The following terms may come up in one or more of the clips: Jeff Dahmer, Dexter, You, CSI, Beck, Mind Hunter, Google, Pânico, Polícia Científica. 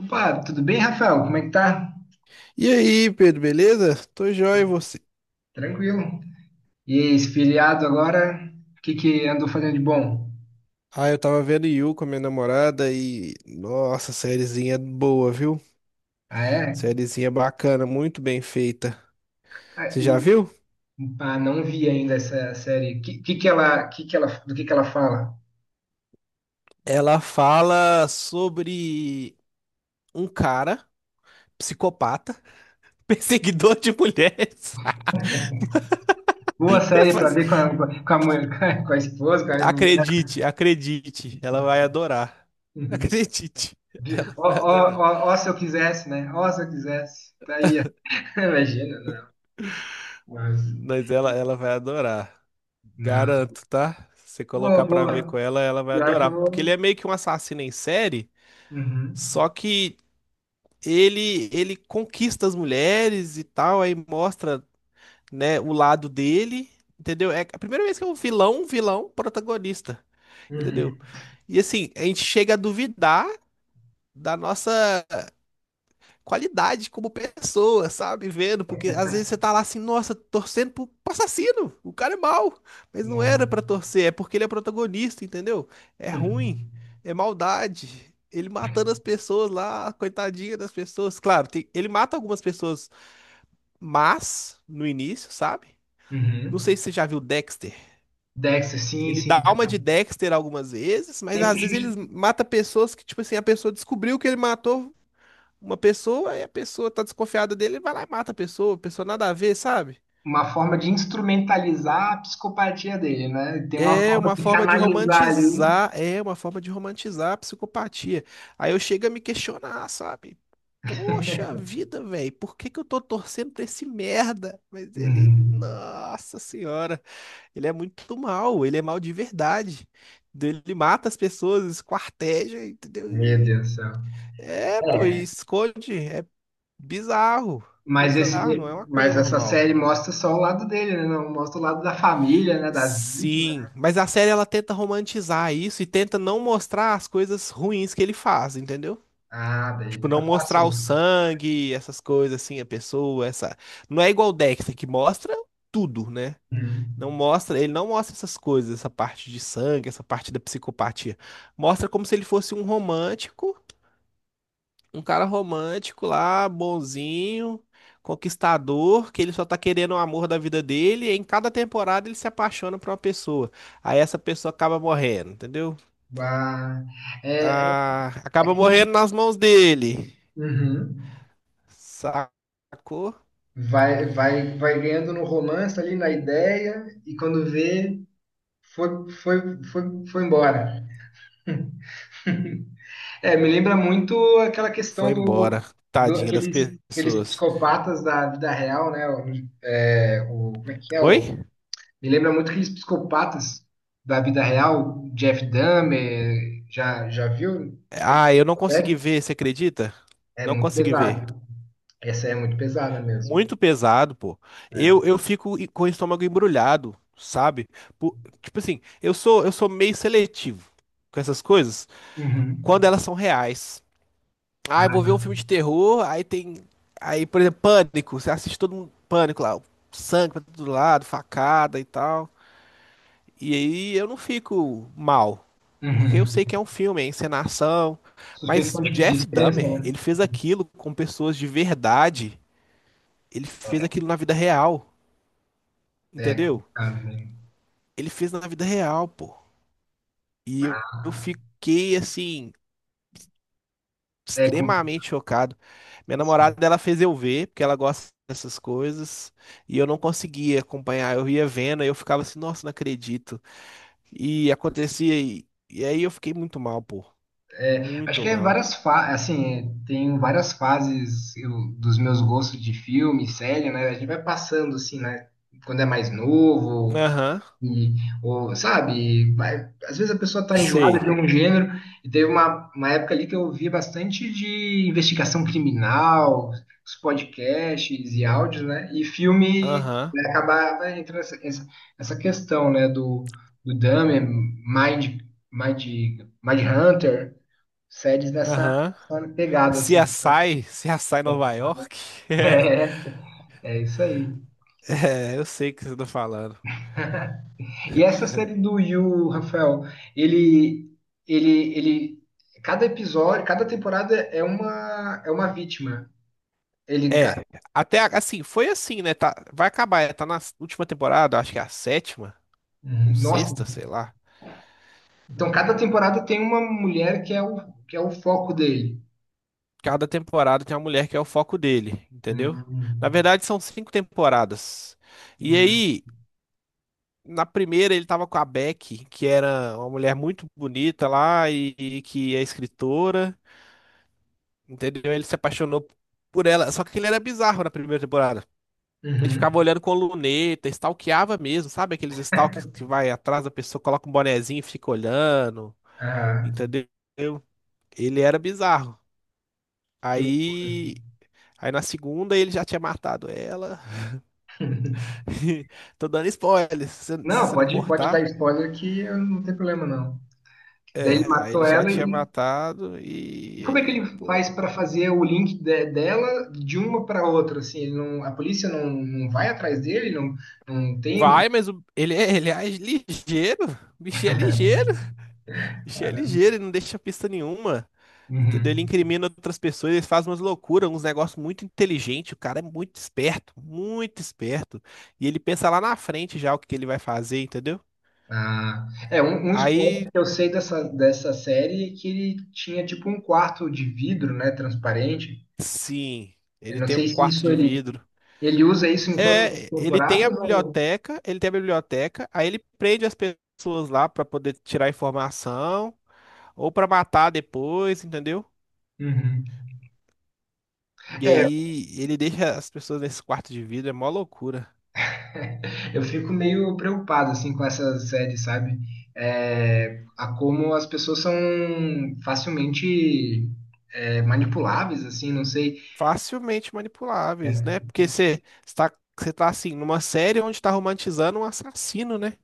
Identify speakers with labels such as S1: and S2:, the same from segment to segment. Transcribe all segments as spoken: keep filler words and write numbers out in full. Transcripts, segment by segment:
S1: Opa, tudo bem, Rafael? Como é que tá?
S2: E aí, Pedro, beleza? Tô joia, e você?
S1: Tranquilo. E aí, esfiliado agora, o que que andou fazendo de bom?
S2: Ah, eu tava vendo You com a minha namorada e... Nossa, sériezinha boa, viu?
S1: Ah, é?
S2: Sériezinha bacana, muito bem feita.
S1: Ah,
S2: Você já
S1: e,
S2: viu?
S1: ah, não vi ainda essa série. Que, que que ela, que que ela, do que que ela fala?
S2: Ela fala sobre um cara, psicopata, perseguidor de mulheres.
S1: Boa série pra
S2: Mas
S1: ver com a, com a mãe, com a esposa, com a mulher.
S2: Acredite, acredite, ela vai adorar. Acredite,
S1: De-
S2: ela
S1: Ó,
S2: vai
S1: ó,
S2: adorar.
S1: ó, ó, se eu quisesse, né? Ó, se eu quisesse. Tá aí, ó. Imagina, não. Mas,
S2: Mas ela, ela vai adorar.
S1: não.
S2: Garanto, tá? Se você
S1: Boa,
S2: colocar pra ver com
S1: boa.
S2: ela, ela vai
S1: Pior que eu
S2: adorar. Porque ele é
S1: vou.
S2: meio que um assassino em série,
S1: Uhum.
S2: só que ele ele conquista as mulheres e tal, aí mostra, né, o lado dele, entendeu? É a primeira vez que é um vilão, um vilão protagonista, entendeu?
S1: Uhum.
S2: E assim, a gente chega a duvidar da nossa qualidade como pessoa, sabe? Vendo, porque às vezes você tá lá assim, nossa, torcendo pro, pro assassino, o cara é mau, mas não era
S1: Não.
S2: pra torcer, é porque ele é protagonista, entendeu? É ruim,
S1: Hum.
S2: é maldade. Ele matando as pessoas lá, coitadinha das pessoas. Claro, tem- ele mata algumas pessoas, mas no início, sabe? Não sei
S1: Uhum.
S2: se você já viu Dexter.
S1: Dexter, sim,
S2: Ele
S1: sim,
S2: dá alma
S1: cara.
S2: de Dexter algumas vezes, mas
S1: Sempre
S2: às vezes
S1: just-
S2: ele mata pessoas que, tipo assim, a pessoa descobriu que ele matou uma pessoa, aí a pessoa tá desconfiada dele, ele vai lá e mata a pessoa, a pessoa nada a ver, sabe?
S1: uma forma de instrumentalizar a psicopatia dele, né? Tem uma
S2: É
S1: forma
S2: uma
S1: de
S2: forma de
S1: canalizar ali.
S2: romantizar, é uma forma de romantizar a psicopatia. Aí eu chego a me questionar, sabe? Poxa vida, velho, por que que eu tô torcendo pra esse merda? Mas ele,
S1: Uhum.
S2: nossa senhora, ele é muito mal, ele é mal de verdade. Entendeu? Ele mata as pessoas, esquarteja, entendeu?
S1: Meu
S2: E-
S1: Deus do céu.
S2: é, pô, e
S1: É.
S2: esconde, é bizarro,
S1: Mas, esse,
S2: bizarro, não é uma coisa
S1: mas essa
S2: normal.
S1: série mostra só o lado dele, né? Não mostra o lado da família, né? Das vítimas,
S2: Sim,
S1: né?
S2: mas a série ela tenta romantizar isso e tenta não mostrar as coisas ruins que ele faz, entendeu?
S1: Ah, daí
S2: Tipo, não
S1: fica fácil.
S2: mostrar o sangue, essas coisas assim, a pessoa, essa. Não é igual o Dexter que mostra tudo, né?
S1: Uhum.
S2: Não mostra, ele não mostra essas coisas, essa parte de sangue, essa parte da psicopatia. Mostra como se ele fosse um romântico, um cara romântico lá, bonzinho, conquistador, que ele só tá querendo o amor da vida dele, e em cada temporada ele se apaixona por uma pessoa. Aí essa pessoa acaba morrendo, entendeu?
S1: Bah. É, é
S2: Ah, acaba
S1: aquele
S2: morrendo
S1: tipo.
S2: nas mãos dele.
S1: Uhum.
S2: Sacou?
S1: Vai, vai, vai ganhando no romance ali, na ideia, e quando vê. Foi, foi, foi, foi embora. É, me lembra muito aquela questão
S2: Foi
S1: do,
S2: embora.
S1: do
S2: Tadinha das
S1: aqueles, aqueles
S2: pessoas.
S1: psicopatas da vida real, né? O, é, o- como é que é?
S2: Oi?
S1: O, me lembra muito aqueles psicopatas da vida real, Jeff Dahmer, já, já viu? Essa
S2: Ah, eu não consegui ver, você acredita?
S1: É
S2: Não
S1: muito
S2: consegui ver.
S1: pesado. Essa é muito pesada mesmo.
S2: Muito pesado, pô. Eu,
S1: É.
S2: eu fico e- com o estômago embrulhado, sabe? Po- tipo assim, eu sou eu sou meio seletivo com essas coisas quando
S1: Uhum.
S2: elas são reais. Ah, eu vou ver
S1: Ah,
S2: um filme de terror, aí tem. Aí, por exemplo, Pânico. Você assiste todo mundo Pânico lá, sangue pra todo lado, facada e tal. E aí eu não fico mal, porque eu sei
S1: uhum.
S2: que é um filme, é encenação. Mas
S1: Suspensão
S2: o
S1: de de
S2: Jeff
S1: descrença,
S2: Dahmer,
S1: né?
S2: ele fez aquilo com pessoas de verdade. Ele fez aquilo na vida real,
S1: É é
S2: entendeu?
S1: complicado mesmo.
S2: Ele fez na vida real, pô. E eu eu
S1: Ah,
S2: fiquei, assim,
S1: é complicado.
S2: extremamente chocado. Minha namorada, ela fez eu ver, porque ela gosta dessas coisas, e eu não conseguia acompanhar. Eu ia vendo, e eu ficava assim, nossa, não acredito. E acontecia, e, e aí eu fiquei muito mal, pô.
S1: É, acho
S2: Muito
S1: que é
S2: mal.
S1: várias fa assim, tem várias fases eu- dos meus gostos de filme, série, né? A gente vai passando assim, né? Quando é mais novo,
S2: Aham,
S1: e, ou, sabe? Vai- às vezes a pessoa tá enjoada
S2: sei.
S1: de um gênero, e teve uma, uma época ali que eu via bastante de investigação criminal, os podcasts e áudios, né? E filme
S2: Aham,
S1: né, acabava entrando essa, essa, essa questão, né? Do, do Dahmer, Mind, Mind, Mind Hunter séries nessa,
S2: aham.
S1: nessa pegada,
S2: Se
S1: assim.
S2: assai, se assai Nova York?
S1: É, é isso aí.
S2: É, eu sei o que você tá falando.
S1: E essa série do Yu, Rafael, ele, ele, ele, cada episódio, cada temporada é uma, é uma, vítima. Ele, ca-
S2: É, até a- assim, foi assim, né? Tá, vai acabar, é, tá na última temporada, acho que é a sétima ou
S1: nossa,
S2: sexta, sei lá.
S1: então cada temporada tem uma mulher que é o, que é o foco dele.
S2: Cada temporada tem uma mulher que é o foco dele, entendeu?
S1: Hum,
S2: Na verdade, são cinco temporadas. E
S1: hum,
S2: aí, na primeira, ele tava com a Beck, que era uma mulher muito bonita lá e, e que é escritora, entendeu? Ele se apaixonou por ela, só que ele era bizarro na primeira temporada. Ele
S1: uhum.
S2: ficava olhando com luneta, stalkeava mesmo, sabe? Aqueles stalks que vai atrás da pessoa, coloca um bonezinho e fica olhando,
S1: Ah,
S2: entendeu? Ele era bizarro.
S1: que loucura.
S2: Aí, aí na segunda ele já tinha matado ela. Tô dando spoiler, se você se
S1: Não,
S2: você não
S1: pode, pode dar
S2: importar.
S1: spoiler que eu não tem problema, não. Daí ele
S2: É, aí
S1: matou
S2: ele já
S1: ela.
S2: tinha
S1: e
S2: matado
S1: E
S2: e
S1: como é que
S2: aí,
S1: ele
S2: pô.
S1: faz para fazer o link de- dela de uma para outra? Assim, ele não, a polícia não, não vai atrás dele, não, não tem.
S2: Vai, mas o- ele é, ele é ligeiro. O bichinho é ligeiro. Bicho é ligeiro, ele não deixa pista nenhuma. Entendeu? Ele
S1: Uhum.
S2: incrimina outras pessoas, ele faz umas loucuras, uns negócios muito inteligentes. O cara é muito esperto, muito esperto. E ele pensa lá na frente já o que que ele vai fazer, entendeu?
S1: Ah, é um, um spoiler
S2: Aí,
S1: que eu sei dessa,
S2: hum,
S1: dessa série é que ele tinha tipo um quarto de vidro, né, transparente.
S2: sim,
S1: Eu
S2: ele
S1: não
S2: tem um
S1: sei se
S2: quarto
S1: isso
S2: de
S1: ele,
S2: vidro.
S1: ele usa isso em todas as
S2: É, ele tem a
S1: temporadas ou.
S2: biblioteca, ele tem a biblioteca, aí ele prende as pessoas lá pra poder tirar informação ou pra matar depois, entendeu?
S1: Uhum.
S2: E
S1: É,
S2: aí ele deixa as pessoas nesse quarto de vidro, é mó loucura.
S1: eu fico meio preocupado assim com essas séries, sabe? É, a como as pessoas são facilmente é, manipuláveis, assim, não sei.
S2: Facilmente manipuláveis, né?
S1: É,
S2: Porque você está, você tá assim, numa série onde está romantizando um assassino, né?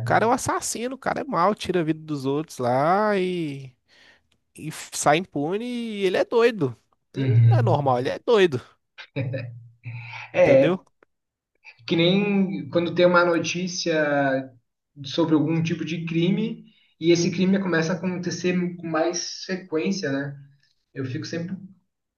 S2: O cara é um assassino, o cara é mau, tira a vida dos outros lá e, e sai impune e ele é doido. Não é
S1: uhum.
S2: normal, ele é doido,
S1: É,
S2: entendeu?
S1: que nem quando tem uma notícia sobre algum tipo de crime e esse crime começa a acontecer com mais frequência, né? Eu fico sempre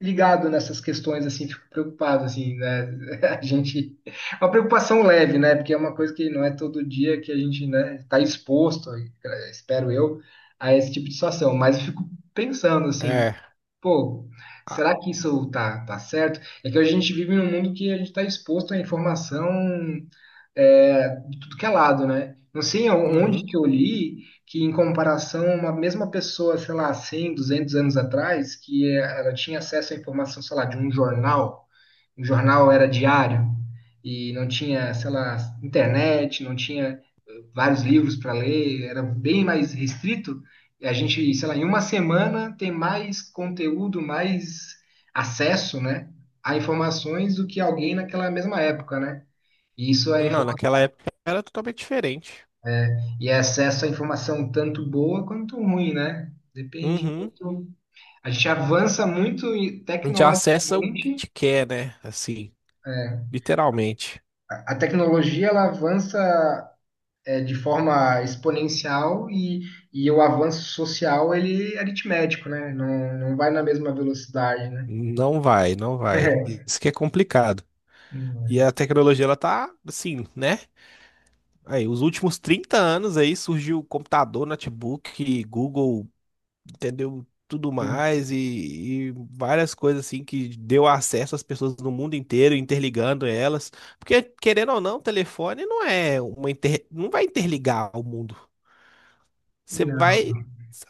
S1: ligado nessas questões, assim, fico preocupado, assim, né? A gente. Uma preocupação leve, né? Porque é uma coisa que não é todo dia que a gente, né, está exposto, espero eu, a esse tipo de situação. Mas eu fico pensando, assim,
S2: É.
S1: pô,
S2: Ah,
S1: será que isso tá, tá certo? É que a gente vive num mundo que a gente está exposto à informação é, de tudo que é lado, né? Não sei onde
S2: uhum.
S1: que eu li que, em comparação, uma mesma pessoa, sei lá, cem, duzentos anos atrás, que é, ela tinha acesso à informação, sei lá, de um jornal, um jornal era diário, e não tinha, sei lá, internet, não tinha eh, vários livros para ler, era bem mais restrito. E a gente, sei lá, em uma semana tem mais conteúdo, mais acesso, né, a informações do que alguém naquela mesma época, né? E isso é
S2: Não,
S1: informação
S2: naquela época era totalmente diferente.
S1: e acesso à informação tanto boa quanto ruim, né? Depende
S2: Uhum.
S1: muito. A gente avança muito e,
S2: A gente acessa o que
S1: tecnologicamente.
S2: te quer, né? Assim, literalmente.
S1: A a tecnologia ela avança é, de forma exponencial e, e o avanço social ele é aritmético, né? Não, não vai na mesma velocidade, né?
S2: Não vai, não vai. Isso que é complicado.
S1: Não é.
S2: E a tecnologia, ela tá assim, né? Aí, os últimos trinta anos aí surgiu computador, notebook, Google, entendeu? Tudo mais e, e várias coisas assim que deu acesso às pessoas no mundo inteiro, interligando elas. Porque, querendo ou não, telefone não é uma inter... não vai interligar o mundo. Você
S1: Não.
S2: vai,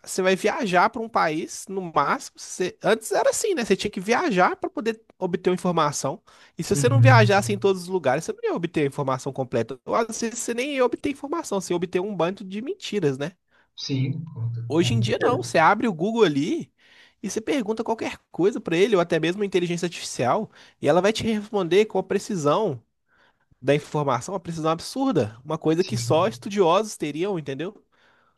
S2: Você vai viajar para um país, no máximo. Você- antes era assim, né? Você tinha que viajar para poder obter uma informação. E se você não viajasse em
S1: Uhum.
S2: todos os lugares, você não ia obter a informação completa. Ou às vezes você nem ia obter informação, você ia obter um bando de mentiras, né?
S1: Sim, com
S2: Hoje em
S1: com
S2: dia, não.
S1: certeza.
S2: Você abre o Google ali e você pergunta qualquer coisa para ele, ou até mesmo a inteligência artificial, e ela vai te responder com a precisão da informação, uma precisão absurda. Uma coisa que só
S1: Sim,
S2: estudiosos teriam, entendeu?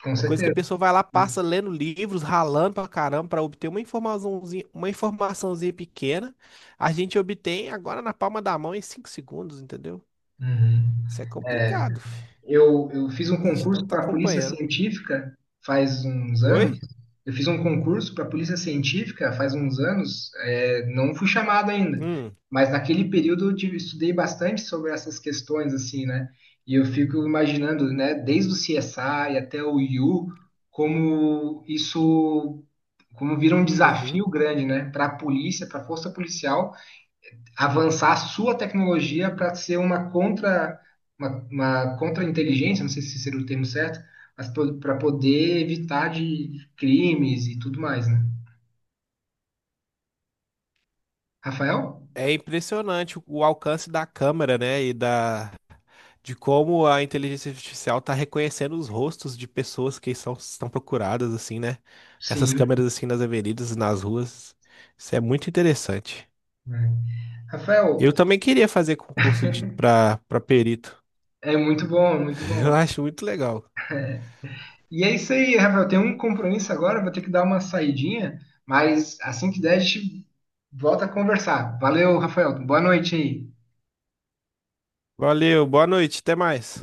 S1: com
S2: Uma coisa que a
S1: certeza.
S2: pessoa vai lá, passa lendo livros, ralando pra caramba pra obter uma informaçãozinha, uma informaçãozinha pequena, a gente obtém agora na palma da mão em cinco segundos, entendeu?
S1: Uhum.
S2: Isso é complicado, fi.
S1: Eu, eu fiz um
S2: A gente não
S1: concurso
S2: tá
S1: para a Polícia
S2: acompanhando.
S1: Científica faz uns anos.
S2: Oi?
S1: Eu fiz um concurso para a Polícia Científica faz uns anos. é, não fui chamado ainda,
S2: Hum,
S1: mas naquele período eu tive- estudei bastante sobre essas questões, assim, né? E eu fico imaginando, né, desde o C S I até o I U, como isso, como vira um
S2: uhum.
S1: desafio grande, né, para a polícia, para a força policial avançar a sua tecnologia para ser uma contra uma, uma contra-inteligência, não sei se seria o termo certo, mas para poder evitar de crimes e tudo mais, né? Rafael?
S2: É impressionante o o alcance da câmera, né? E da de como a inteligência artificial tá reconhecendo os rostos de pessoas que são, estão procuradas assim, né? Nessas
S1: Sim,
S2: câmeras assim nas avenidas, nas ruas. Isso é muito interessante.
S1: né?
S2: Eu
S1: Rafael,
S2: também queria fazer concurso de para para perito.
S1: é muito bom, é muito
S2: Eu
S1: bom.
S2: acho muito legal.
S1: E é isso aí, Rafael. Tem um compromisso agora, vou ter que dar uma saidinha, mas assim que der, a gente volta a conversar. Valeu, Rafael. Boa noite aí.
S2: Valeu, boa noite, até mais.